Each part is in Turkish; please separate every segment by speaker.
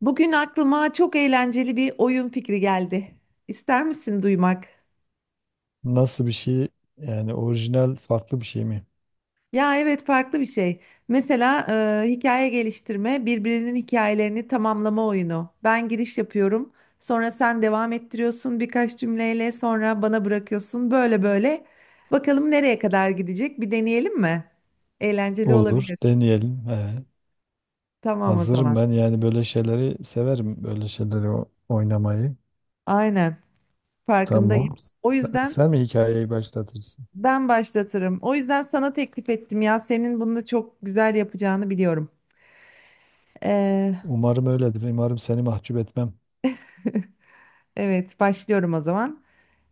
Speaker 1: Bugün aklıma çok eğlenceli bir oyun fikri geldi. İster misin duymak?
Speaker 2: Nasıl bir şey yani orijinal farklı bir şey mi?
Speaker 1: Ya evet farklı bir şey. Mesela hikaye geliştirme, birbirinin hikayelerini tamamlama oyunu. Ben giriş yapıyorum, sonra sen devam ettiriyorsun birkaç cümleyle, sonra bana bırakıyorsun. Böyle böyle. Bakalım nereye kadar gidecek? Bir deneyelim mi? Eğlenceli
Speaker 2: Olur,
Speaker 1: olabilir.
Speaker 2: deneyelim. He,
Speaker 1: Tamam o
Speaker 2: hazırım
Speaker 1: zaman.
Speaker 2: ben, yani böyle şeyleri severim, böyle şeyleri oynamayı.
Speaker 1: Aynen farkındayım.
Speaker 2: Tamam.
Speaker 1: O
Speaker 2: Sen,
Speaker 1: yüzden
Speaker 2: sen mi hikayeyi başlatırsın?
Speaker 1: ben başlatırım. O yüzden sana teklif ettim ya. Senin bunu da çok güzel yapacağını biliyorum. Ee,
Speaker 2: Umarım öyledir. Umarım seni mahcup etmem.
Speaker 1: evet, başlıyorum o zaman.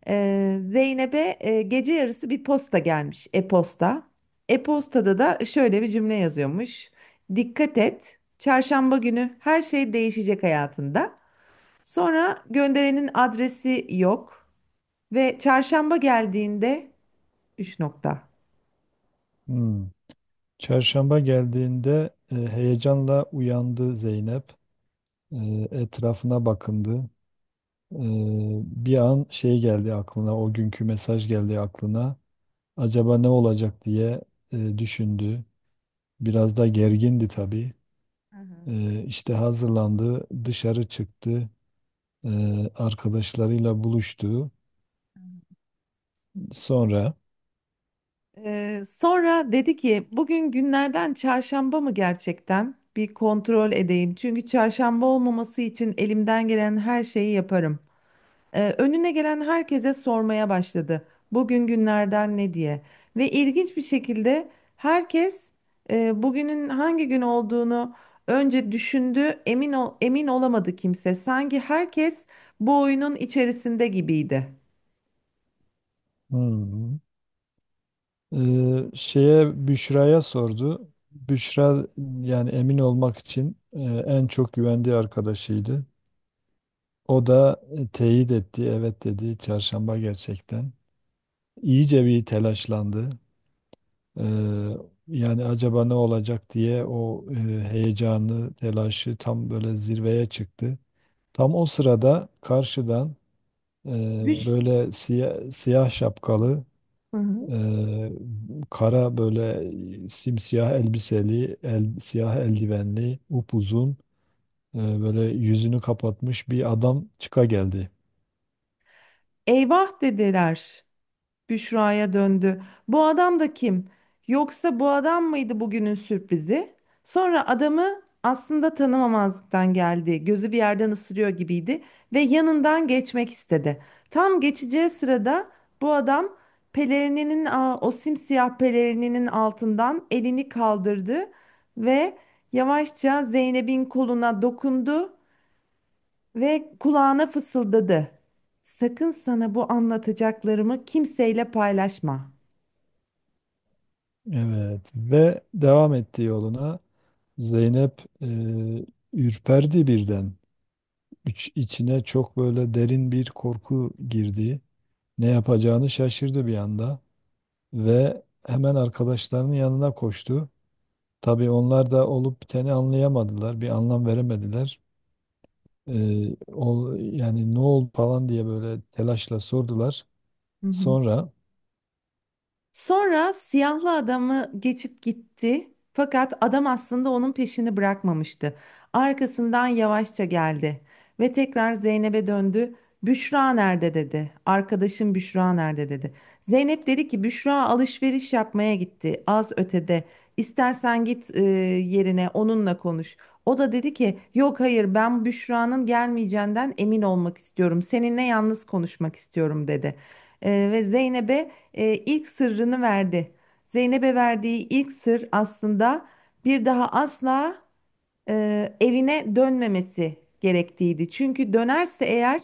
Speaker 1: Zeynep'e gece yarısı bir posta gelmiş. E-posta. E-postada da şöyle bir cümle yazıyormuş. Dikkat et. Çarşamba günü her şey değişecek hayatında. Sonra gönderenin adresi yok ve çarşamba geldiğinde üç nokta.
Speaker 2: Hmm. Çarşamba geldiğinde heyecanla uyandı Zeynep. E, Etrafına bakındı. E, Bir an şey geldi aklına, o günkü mesaj geldi aklına. Acaba ne olacak diye düşündü. Biraz da gergindi tabii.
Speaker 1: Hı hı.
Speaker 2: İşte hazırlandı, dışarı çıktı, arkadaşlarıyla buluştu. Sonra
Speaker 1: Sonra dedi ki bugün günlerden çarşamba mı gerçekten? Bir kontrol edeyim. Çünkü çarşamba olmaması için elimden gelen her şeyi yaparım. Önüne gelen herkese sormaya başladı. Bugün günlerden ne diye. Ve ilginç bir şekilde herkes bugünün hangi gün olduğunu önce düşündü. Emin ol, emin olamadı kimse. Sanki herkes bu oyunun içerisinde gibiydi.
Speaker 2: hmm, şeye, Büşra'ya sordu. Büşra, yani emin olmak için, en çok güvendiği arkadaşıydı. O da teyit etti, evet dedi. Çarşamba gerçekten. İyice bir telaşlandı. Ee, Yani acaba ne olacak diye o heyecanı, telaşı tam böyle zirveye çıktı. Tam o sırada karşıdan
Speaker 1: Düş.
Speaker 2: böyle siyah şapkalı,
Speaker 1: Hı hı.
Speaker 2: e, kara böyle simsiyah elbiseli, siyah eldivenli, upuzun, böyle yüzünü kapatmış bir adam çıka geldi.
Speaker 1: Eyvah dediler. Büşra'ya döndü. Bu adam da kim? Yoksa bu adam mıydı bugünün sürprizi? Sonra adamı aslında tanımamazlıktan geldi. Gözü bir yerden ısırıyor gibiydi ve yanından geçmek istedi. Tam geçeceği sırada bu adam pelerininin o simsiyah pelerininin altından elini kaldırdı ve yavaşça Zeynep'in koluna dokundu ve kulağına fısıldadı. Sakın sana bu anlatacaklarımı kimseyle paylaşma.
Speaker 2: Evet ve devam etti yoluna. Zeynep ürperdi birden. İç, içine çok böyle derin bir korku girdi. Ne yapacağını şaşırdı bir anda ve hemen arkadaşlarının yanına koştu. Tabii onlar da olup biteni anlayamadılar, bir anlam veremediler. Yani ne oldu falan diye böyle telaşla sordular.
Speaker 1: Hı hı.
Speaker 2: Sonra
Speaker 1: Sonra siyahlı adamı geçip gitti. Fakat adam aslında onun peşini bırakmamıştı. Arkasından yavaşça geldi ve tekrar Zeynep'e döndü. Büşra nerede dedi. Arkadaşım Büşra nerede dedi. Zeynep dedi ki Büşra alışveriş yapmaya gitti az ötede. İstersen git yerine onunla konuş. O da dedi ki yok hayır ben Büşra'nın gelmeyeceğinden emin olmak istiyorum. Seninle yalnız konuşmak istiyorum dedi. Ve Zeynep'e ilk sırrını verdi. Zeynep'e verdiği ilk sır aslında bir daha asla evine dönmemesi gerektiğiydi. Çünkü dönerse eğer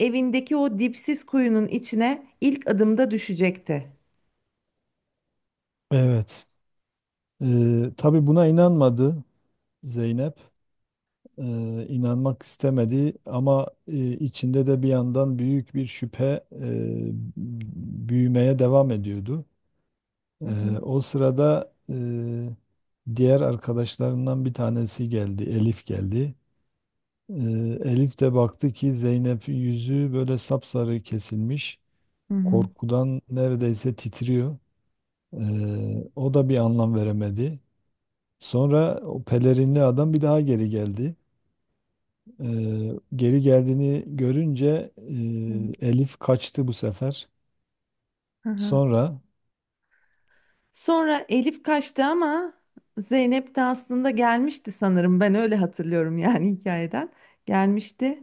Speaker 1: evindeki o dipsiz kuyunun içine ilk adımda düşecekti.
Speaker 2: evet, e, tabii buna inanmadı Zeynep. İnanmak istemedi ama içinde de bir yandan büyük bir şüphe, e, büyümeye devam ediyordu.
Speaker 1: Hı hı.
Speaker 2: O sırada diğer arkadaşlarından bir tanesi geldi, Elif geldi. Ee, Elif de baktı ki Zeynep yüzü böyle sapsarı kesilmiş,
Speaker 1: Hı hı.
Speaker 2: korkudan neredeyse titriyor. O da bir anlam veremedi. Sonra o pelerinli adam bir daha geri geldi. Geri geldiğini görünce
Speaker 1: Hı.
Speaker 2: Elif kaçtı bu sefer.
Speaker 1: Hı hı.
Speaker 2: Sonra
Speaker 1: Sonra Elif kaçtı ama Zeynep de aslında gelmişti sanırım. Ben öyle hatırlıyorum yani hikayeden. Gelmişti.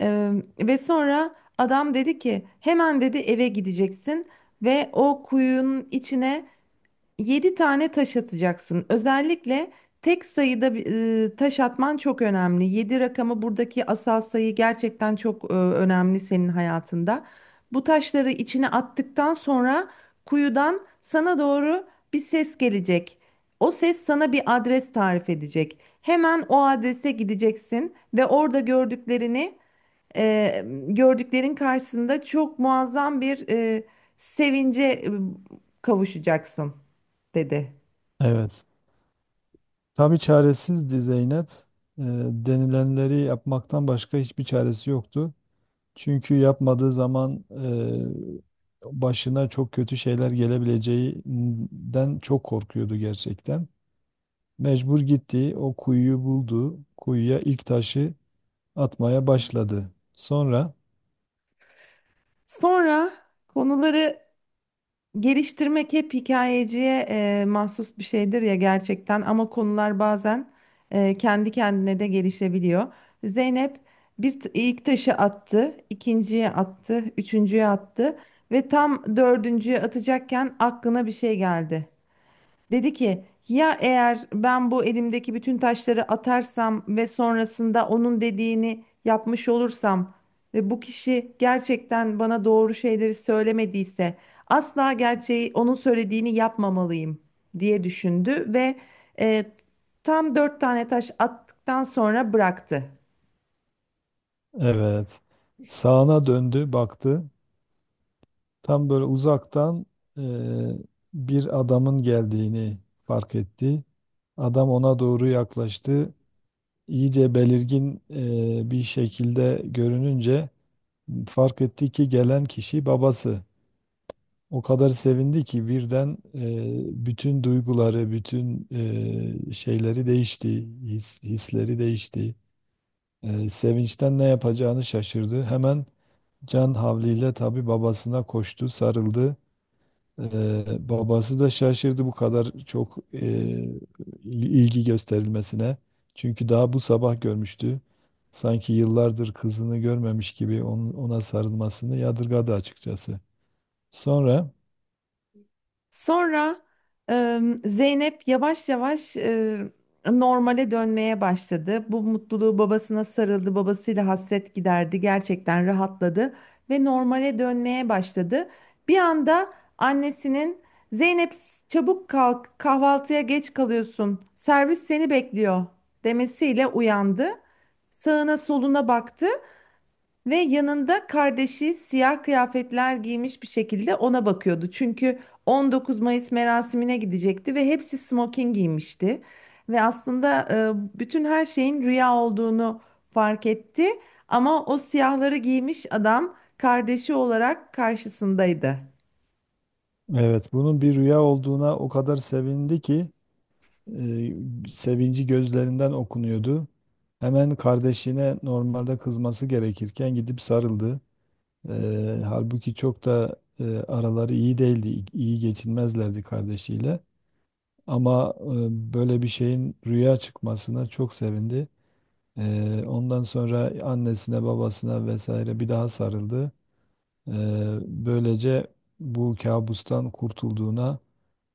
Speaker 1: Ee, ve sonra adam dedi ki hemen dedi eve gideceksin ve o kuyunun içine yedi tane taş atacaksın. Özellikle tek sayıda bir, taş atman çok önemli. 7 rakamı buradaki asal sayı gerçekten çok önemli senin hayatında. Bu taşları içine attıktan sonra kuyudan sana doğru bir ses gelecek. O ses sana bir adres tarif edecek. Hemen o adrese gideceksin ve orada e, gördüklerin karşısında çok muazzam bir sevince kavuşacaksın dedi.
Speaker 2: evet. Tabii çaresizdi Zeynep. Ee, Denilenleri yapmaktan başka hiçbir çaresi yoktu. Çünkü yapmadığı zaman başına çok kötü şeyler gelebileceğinden çok korkuyordu gerçekten. Mecbur gitti, o kuyuyu buldu. Kuyuya ilk taşı atmaya başladı. Sonra
Speaker 1: Sonra konuları geliştirmek hep hikayeciye mahsus bir şeydir ya gerçekten ama konular bazen kendi kendine de gelişebiliyor. Zeynep ilk taşı attı, ikinciye attı, üçüncüye attı ve tam dördüncüye atacakken aklına bir şey geldi. Dedi ki ya eğer ben bu elimdeki bütün taşları atarsam ve sonrasında onun dediğini yapmış olursam ve bu kişi gerçekten bana doğru şeyleri söylemediyse asla gerçeği onun söylediğini yapmamalıyım diye düşündü ve e, tam dört tane taş attıktan sonra bıraktı.
Speaker 2: evet, sağına döndü, baktı. Tam böyle uzaktan eee, bir adamın geldiğini fark etti. Adam ona doğru yaklaştı. İyice belirgin bir şekilde görününce fark etti ki gelen kişi babası. O kadar sevindi ki birden bütün duyguları, bütün şeyleri değişti, hisleri değişti. Sevinçten ne yapacağını şaşırdı. Hemen can havliyle tabii babasına koştu, sarıldı. Babası da şaşırdı bu kadar çok ilgi gösterilmesine. Çünkü daha bu sabah görmüştü. Sanki yıllardır kızını görmemiş gibi ona sarılmasını yadırgadı açıkçası. Sonra
Speaker 1: Sonra Zeynep yavaş yavaş normale dönmeye başladı. Bu mutluluğu babasına sarıldı, babasıyla hasret giderdi, gerçekten rahatladı ve normale dönmeye başladı. Bir anda annesinin Zeynep çabuk kalk, kahvaltıya geç kalıyorsun, servis seni bekliyor demesiyle uyandı. Sağına soluna baktı. Ve yanında kardeşi siyah kıyafetler giymiş bir şekilde ona bakıyordu. Çünkü 19 Mayıs merasimine gidecekti ve hepsi smoking giymişti. Ve aslında bütün her şeyin rüya olduğunu fark etti. Ama o siyahları giymiş adam kardeşi olarak karşısındaydı.
Speaker 2: evet, bunun bir rüya olduğuna o kadar sevindi ki sevinci gözlerinden okunuyordu. Hemen kardeşine normalde kızması gerekirken gidip sarıldı. Halbuki çok da araları iyi değildi, iyi iyi geçinmezlerdi kardeşiyle. Ama böyle bir şeyin rüya çıkmasına çok sevindi. Ondan sonra annesine, babasına vesaire bir daha sarıldı. Böylece bu kabustan kurtulduğuna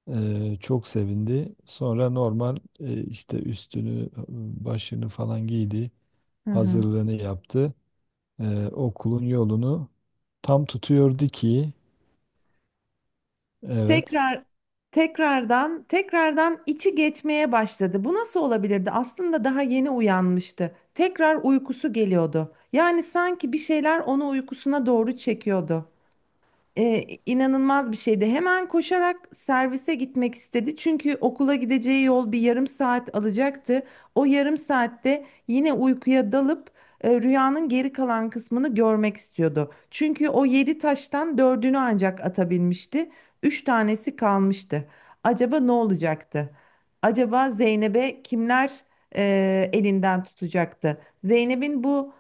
Speaker 2: çok sevindi. Sonra normal işte üstünü, başını falan giydi,
Speaker 1: Hı hı.
Speaker 2: hazırlığını yaptı. Okulun yolunu tam tutuyordu ki, evet.
Speaker 1: Tekrar tekrardan içi geçmeye başladı. Bu nasıl olabilirdi? Aslında daha yeni uyanmıştı. Tekrar uykusu geliyordu. Yani sanki bir şeyler onu uykusuna doğru çekiyordu inanılmaz bir şeydi. Hemen koşarak servise gitmek istedi. Çünkü okula gideceği yol bir yarım saat alacaktı. O yarım saatte yine uykuya dalıp rüyanın geri kalan kısmını görmek istiyordu. Çünkü o yedi taştan dördünü ancak atabilmişti. Üç tanesi kalmıştı. Acaba ne olacaktı? Acaba Zeynep'e kimler elinden tutacaktı? Zeynep'in bu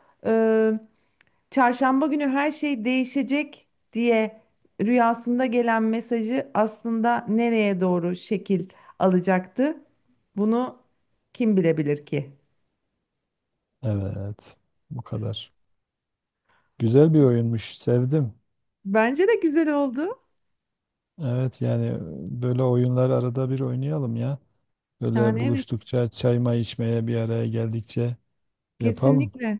Speaker 1: çarşamba günü her şey değişecek diye rüyasında gelen mesajı aslında nereye doğru şekil alacaktı? Bunu kim bilebilir ki?
Speaker 2: Evet, bu kadar. Güzel bir oyunmuş, sevdim.
Speaker 1: Bence de güzel oldu.
Speaker 2: Evet, yani böyle oyunlar arada bir oynayalım ya. Böyle
Speaker 1: Yani evet,
Speaker 2: buluştukça, çay may içmeye bir araya geldikçe yapalım.
Speaker 1: kesinlikle.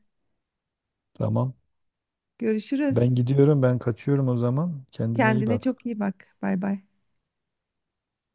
Speaker 2: Tamam.
Speaker 1: Görüşürüz.
Speaker 2: Ben gidiyorum, ben kaçıyorum o zaman. Kendine iyi
Speaker 1: Kendine
Speaker 2: bak.
Speaker 1: çok iyi bak. Bay bay.